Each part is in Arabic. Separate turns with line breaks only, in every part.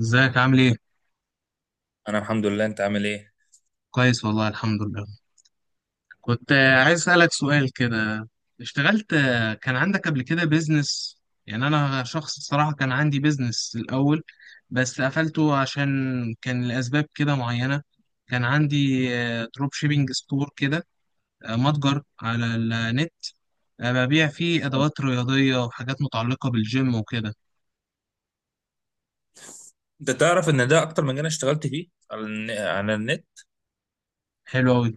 ازيك عامل ايه؟
انا الحمد لله، انت عامل ايه؟
كويس والله، الحمد لله. كنت عايز اسألك سؤال كده. اشتغلت، كان عندك قبل كده بيزنس؟ يعني انا شخص الصراحة كان عندي بيزنس الاول، بس قفلته عشان كان لأسباب كده معينة. كان عندي دروب شيبينج ستور كده، متجر على النت. ببيع فيه ادوات رياضية وحاجات متعلقة بالجيم وكده.
انت تعرف ان ده اكتر مجال أنا اشتغلت فيه على النت.
حلو اوي.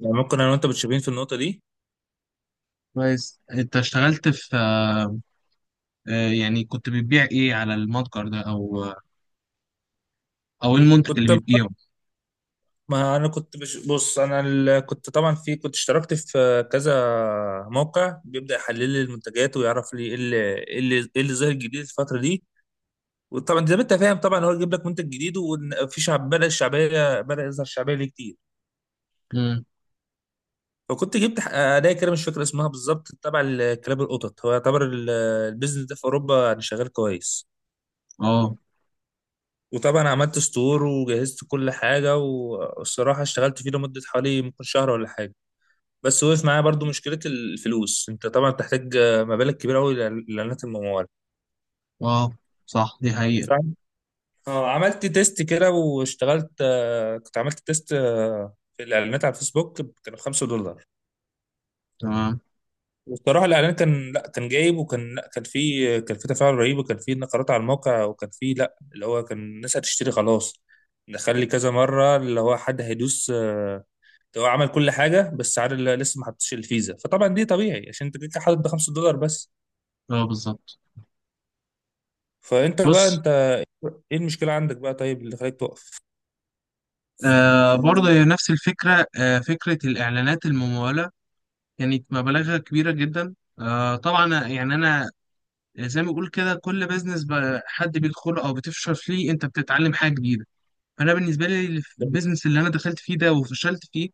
يعني ممكن انا وانت متشابهين في النقطه دي.
كويس، انت اشتغلت في. يعني كنت بتبيع ايه على المتجر ده او ايه المنتج
كنت
اللي بتبيعه؟
ما انا كنت بش... كنت اشتركت في كذا موقع بيبدا يحلل لي المنتجات ويعرف لي ايه اللي ايه اللي إيه اللي ظاهر جديد الفتره دي. وطبعا زي ما انت فاهم، طبعا هو يجيب لك منتج جديد، وفي شعب بدا الشعبيه بدا يظهر شعبيه ليه كتير.
امم.
فكنت جبت اداه كده، مش فاكر اسمها بالظبط، تبع كلاب القطط. هو يعتبر البيزنس ده في اوروبا يعني شغال كويس.
اه،
وطبعا عملت ستور وجهزت كل حاجة، والصراحة اشتغلت فيه لمدة حوالي ممكن شهر ولا حاجة، بس وقف معايا برضو مشكلة الفلوس. انت طبعا بتحتاج مبالغ كبيرة قوي لإعلانات الممول.
اه، صح، دي حقيقة.
فعم- اه، عملت تيست كده، واشتغلت آه، كنت عملت تيست في الإعلانات على الفيسبوك، كانوا 5 دولار.
تمام.
والصراحة الإعلان كان لا كان جايب، وكان لا كان فيه تفاعل رهيب، وكان فيه نقرات على الموقع، وكان فيه لا، اللي هو كان الناس هتشتري خلاص، نخلي كذا مرة اللي هو حد هيدوس، هو عمل كل حاجه، بس عارف اللي لسه ما حطش الفيزا. فطبعا دي طبيعي عشان انت كده حاطط ب 5 دولار بس.
اه، بالظبط.
فانت بقى
بص.
انت ايه المشكله عندك بقى، طيب اللي خليك تقف؟
برضه هي نفس الفكرة، فكرة الإعلانات الممولة كانت مبالغها كبيرة جدا. طبعا يعني أنا، زي ما بقول كده، كل بيزنس حد بيدخله أو بتفشل فيه أنت بتتعلم حاجة جديدة. فأنا بالنسبة لي البيزنس اللي أنا دخلت فيه ده وفشلت فيه،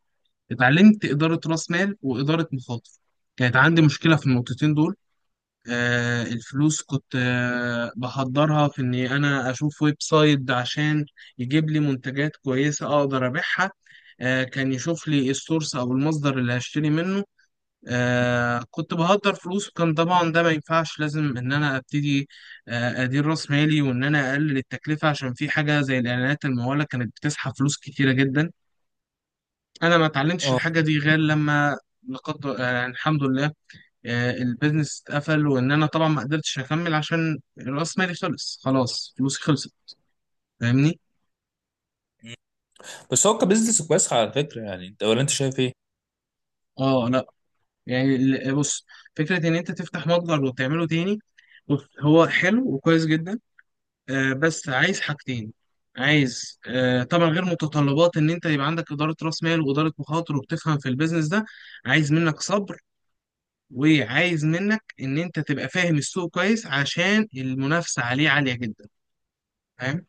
اتعلمت إدارة رأس مال وإدارة مخاطر. كانت عندي مشكلة في النقطتين دول. الفلوس كنت بحضرها في اني انا اشوف ويب سايت عشان يجيب لي منتجات كويسة اقدر ابيعها. كان يشوف لي السورس او المصدر اللي هشتري منه. كنت بهدر فلوس، وكان طبعا ده ما ينفعش، لازم ان انا ابتدي ادير راس مالي وان انا اقلل التكلفة، عشان في حاجة زي الاعلانات الممولة كانت بتسحب فلوس كتيرة جدا. انا ما اتعلمتش
اه،
الحاجة دي غير لما لقد، يعني الحمد لله، البيزنس اتقفل وان انا طبعا ما قدرتش اكمل عشان راس مالي خلص، خلاص فلوسي خلصت. فاهمني؟
بس هو كبزنس كويس على فكره. يعني انت، ولا انت شايف ايه؟
اه، لا، يعني بص، فكره ان انت تفتح متجر وتعمله تاني. بص، هو حلو وكويس جدا. بس عايز حاجتين. عايز طبعا غير متطلبات ان انت يبقى عندك اداره راس مال واداره مخاطر وبتفهم في البيزنس ده، عايز منك صبر، وعايز منك ان انت تبقى فاهم السوق كويس عشان المنافسه عليه عاليه جدا. فاهم؟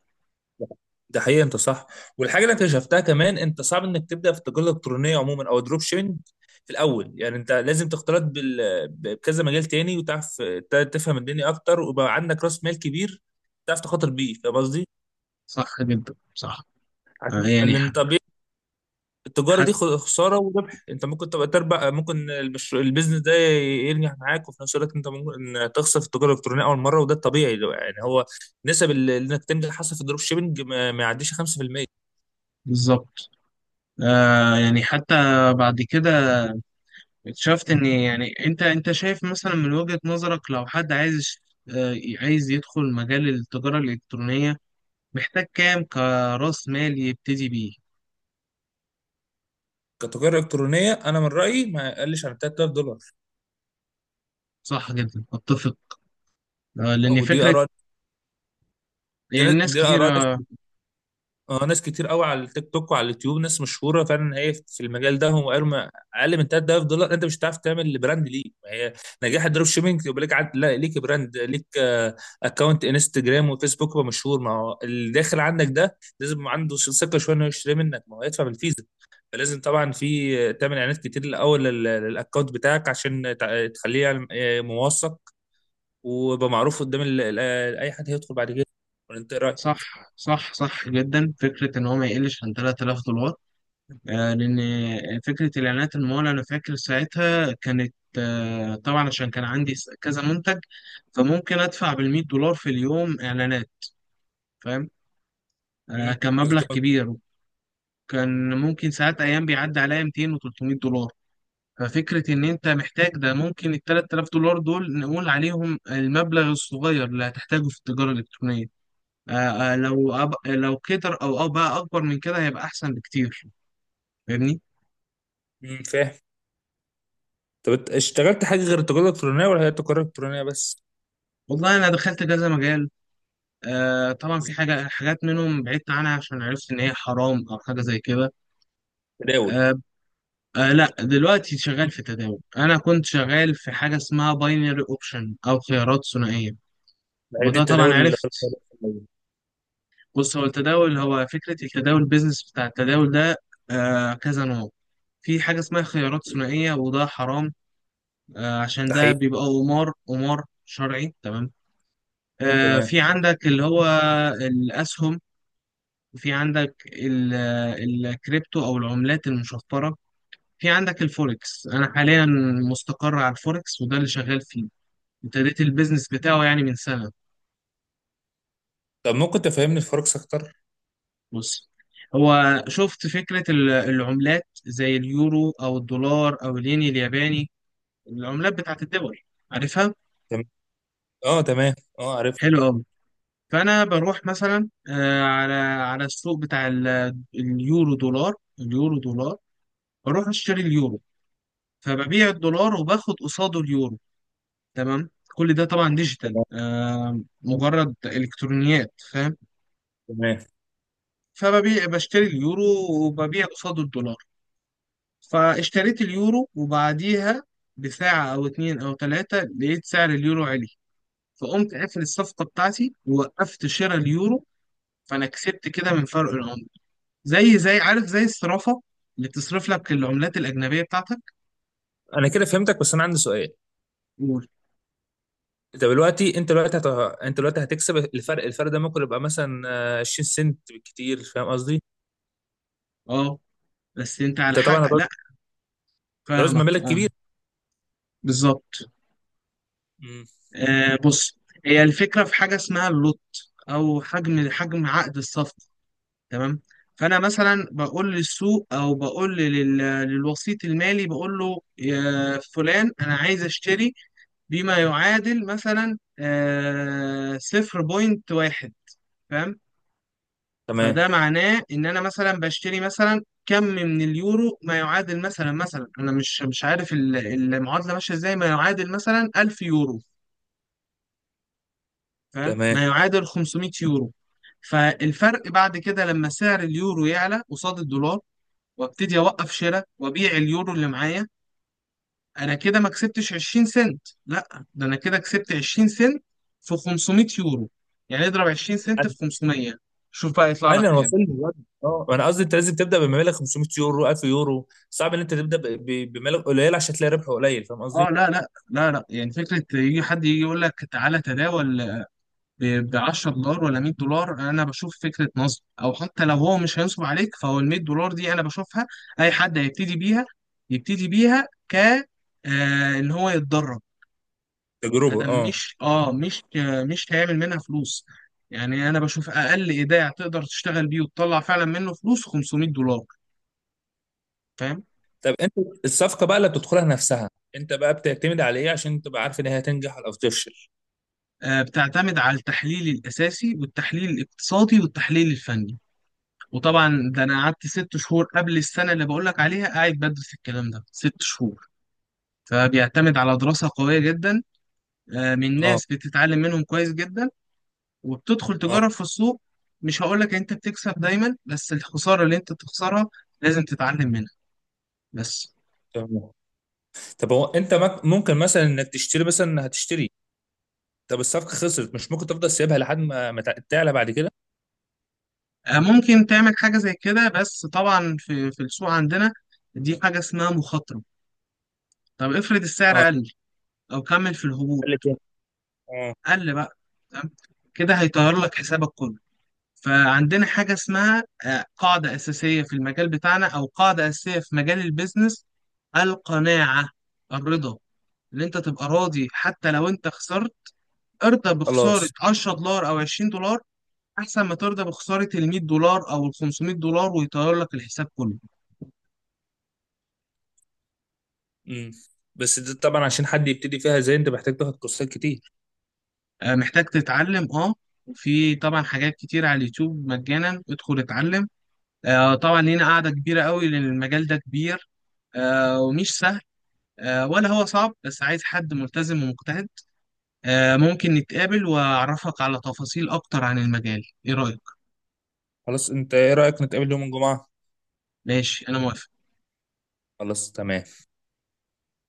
ده حقيقي، انت صح. والحاجه اللي أنا اكتشفتها كمان، انت صعب انك تبدا في التجاره الالكترونيه عموما او الدروب شيبنج في الاول. يعني انت لازم تختلط بكذا مجال تاني، وتعرف تفهم الدنيا اكتر، ويبقى عندك راس مال كبير تعرف تخاطر بيه. فاهم قصدي؟
صح جدا، صح. يعني
لان طبيعي التجارة
حتى.
دي خسارة وربح. انت ممكن تبقى تربح، ممكن البيزنس ده ينجح معاك، وفي نفس الوقت انت ممكن تخسر في التجارة الإلكترونية أول مرة، وده الطبيعي. يعني هو نسب انك تنجح حصل في الدروب شيبنج ما يعديش 5%.
بالظبط. يعني حتى بعد كده اكتشفت ان، يعني، انت شايف مثلا من وجهة نظرك، لو حد عايز، آه عايز يدخل مجال التجارة الإلكترونية، محتاج كام كرأس مال يبتدي بيه؟
كتجارة إلكترونية أنا من رأيي ما يقلش عن 3000 دولار،
صح جدا، اتفق. لان
ودي
فكرة،
آراء. دي,
يعني ناس
دي آراء.
كتيرة.
اه، ناس كتير قوي على التيك توك وعلى اليوتيوب، ناس مشهوره فعلا هي في المجال ده، هم قالوا ما اقل من 3000 دولار انت مش هتعرف تعمل براند ليه. ما هي نجاح الدروب شيبنج، يبقى ليك لا، ليك براند، ليك اكونت انستجرام وفيسبوك يبقى مشهور. ما هو اللي داخل عندك ده لازم يبقى عنده ثقه شويه انه يشتري منك، ما هو يدفع بالفيزا. فلازم طبعا في تعمل اعلانات كتير الاول للاكونت بتاعك عشان تخليه موثق، ويبقى معروف قدام اي حد هيدخل بعد كده. ولا انت إيه رايك؟
صح، صح، صح جدا، فكرة ان هو ما يقلش عن 3000 دولار. لان فكرة الاعلانات المالية، انا فاكر ساعتها كانت طبعا عشان كان عندي كذا منتج، فممكن ادفع بالمية دولار في اليوم اعلانات. فاهم.
امم،
كان مبلغ
مظبوط.
كبير. وكان ممكن ساعات ايام بيعدي عليا 200 و300 دولار. ففكرة إن أنت محتاج ده، ممكن ال 3000 دولار دول نقول عليهم المبلغ الصغير اللي هتحتاجه في التجارة الإلكترونية. لو كتر أو بقى أكبر من كده هيبقى أحسن بكتير. فاهمني؟
امم، فاهم. طب انت اشتغلت حاجه غير التجاره الالكترونيه، ولا هي التجاره الالكترونيه بس؟
والله أنا دخلت كذا مجال. طبعا في حاجات منهم بعدت عنها عشان عرفت إن هي حرام أو حاجة زي كده.
تداول؟
آه، لا، دلوقتي شغال في تداول. انا كنت شغال في حاجه اسمها باينري اوبشن او خيارات ثنائيه،
ده هي دي
وده طبعا
التداول اللي هو
عرفت.
القليل.
بص، هو التداول، هو فكره التداول، البيزنس بتاع التداول ده كذا نوع. في حاجه اسمها خيارات ثنائيه وده حرام، عشان
ده
ده
حقيقي.
بيبقى قمار، قمار شرعي، تمام.
تمام.
في عندك اللي هو الاسهم، وفي عندك الكريبتو او العملات المشفره. في عندك الفوركس. انا حاليا مستقر على الفوركس وده اللي شغال فيه. ابتديت البيزنس بتاعه يعني من سنة.
طب ممكن تفهمني الفرق اكتر؟
بص، هو شفت فكرة العملات زي اليورو أو الدولار أو الين الياباني، العملات بتاعت الدول، عارفها؟
تمام. اه، تمام. اه، عرفت.
حلو أوي. فأنا بروح مثلا على السوق بتاع اليورو دولار، اليورو دولار. بروح أشتري اليورو، فببيع الدولار وباخد قصاده اليورو، تمام. كل ده طبعا ديجيتال،
تمام.
مجرد إلكترونيات، فاهم.
تمام.
بشتري اليورو، وببيع قصاده الدولار. فاشتريت اليورو، وبعديها بساعة أو اتنين أو تلاتة، لقيت سعر اليورو عالي، فقمت قافل الصفقة بتاعتي ووقفت شراء اليورو، فأنا كسبت كده من فرق العملة، زي، عارف، زي الصرافة اللي بتصرف لك العملات الأجنبية بتاعتك.
انا كده فهمتك، بس انا عندي سؤال.
قول.
انت دلوقتي انت دلوقتي هت... انت دلوقتي هتكسب الفرق ده ممكن يبقى مثلا 20 سنت بالكتير. فاهم قصدي؟
أه، بس أنت على
انت
حق،
طبعا هتعوز
لأ.
هتعوز
فاهمك،
مبالغ
أه.
كبيره.
بالظبط.
امم.
بص، هي الفكرة، في حاجة اسمها اللوت أو حجم عقد الصفقة، تمام. فانا مثلا بقول للسوق او بقول للوسيط المالي، بقول له يا فلان، انا عايز اشتري بما يعادل مثلا 0.1، فاهم.
تمام.
فده معناه ان انا مثلا بشتري مثلا كم من اليورو، ما يعادل مثلا انا مش عارف المعادله ماشيه ازاي، ما يعادل مثلا 1000 يورو، فاهم،
تمام.
ما يعادل 500 يورو. فالفرق بعد كده لما سعر اليورو يعلى قصاد الدولار وابتدي اوقف شراء وابيع اليورو اللي معايا، انا كده ما كسبتش 20 سنت، لا ده انا كده كسبت 20 سنت في 500 يورو، يعني اضرب 20 سنت في 500، شوف بقى يطلع لك
انا
كام.
وصلت دلوقتي. اه، انا قصدي انت لازم تبدا بمبالغ 500 يورو، 1000 يورو، صعب ان انت تبدا بمبالغ قليله عشان تلاقي ربح قليل. فاهم
اه،
قصدي؟
لا، لا، لا، لا، يعني فكره يجي حد يجي يقول لك تعالى تداول ب 10 دولار ولا 100 دولار، انا بشوف فكره نصب، او حتى لو هو مش هينصب عليك فهو ال 100 دولار دي انا بشوفها اي حد هيبتدي بيها، يبتدي بيها ان هو يتدرب. ده
تجربه، اه.
مش اه مش مش هيعمل منها فلوس. يعني انا بشوف اقل ايداع تقدر تشتغل بيه وتطلع فعلا منه فلوس 500 دولار، فاهم.
طب انت، الصفقه بقى اللي بتدخلها نفسها، انت بقى بتعتمد على ايه عشان تبقى عارف ان هي هتنجح او تفشل؟
بتعتمد على التحليل الاساسي والتحليل الاقتصادي والتحليل الفني، وطبعا ده انا قعدت 6 شهور قبل السنه اللي بقول لك عليها، قاعد بدرس الكلام ده 6 شهور. فبيعتمد على دراسه قويه جدا، من
اه.
ناس بتتعلم منهم كويس جدا، وبتدخل
اه.
تجرب في السوق. مش هقول لك انت بتكسب دايما، بس الخساره اللي انت بتخسرها لازم تتعلم منها، بس.
تمام. طب هو انت ممكن مثلا انك تشتري، مثلا هتشتري، طب الصفقه خسرت، مش ممكن تفضل سيبها لحد ما تعلى بعد كده؟
ممكن تعمل حاجة زي كده، بس طبعا في السوق عندنا دي حاجة اسمها مخاطرة. طب افرض السعر
اه،
قل، أو كمل في
اللي
الهبوط،
تاني. اه.
قل بقى، تمام، كده هيطير لك حسابك كله. فعندنا حاجة اسمها قاعدة أساسية في المجال بتاعنا، أو قاعدة أساسية في مجال البيزنس، القناعة، الرضا، إن أنت تبقى راضي حتى لو أنت خسرت. ارضى بخسارة
خلاص.
10 دولار أو 20 دولار أحسن ما ترضى بخسارة ال 100 دولار أو ال 500 دولار ويطير لك الحساب كله.
امم. بس ده طبعا عشان حد يبتدي فيها زي انت، محتاج تاخد كورسات كتير.
محتاج تتعلم، اه. في طبعا حاجات كتير على اليوتيوب مجانا، ادخل اتعلم. طبعا لينا قاعدة كبيرة قوي لان المجال ده كبير، ومش سهل، ولا هو صعب، بس عايز حد ملتزم ومجتهد. ممكن نتقابل واعرفك على تفاصيل اكتر عن المجال، ايه رأيك؟
خلاص، انت ايه رأيك نتقابل يوم الجمعة؟
ماشي، انا موافق.
خلاص، تمام.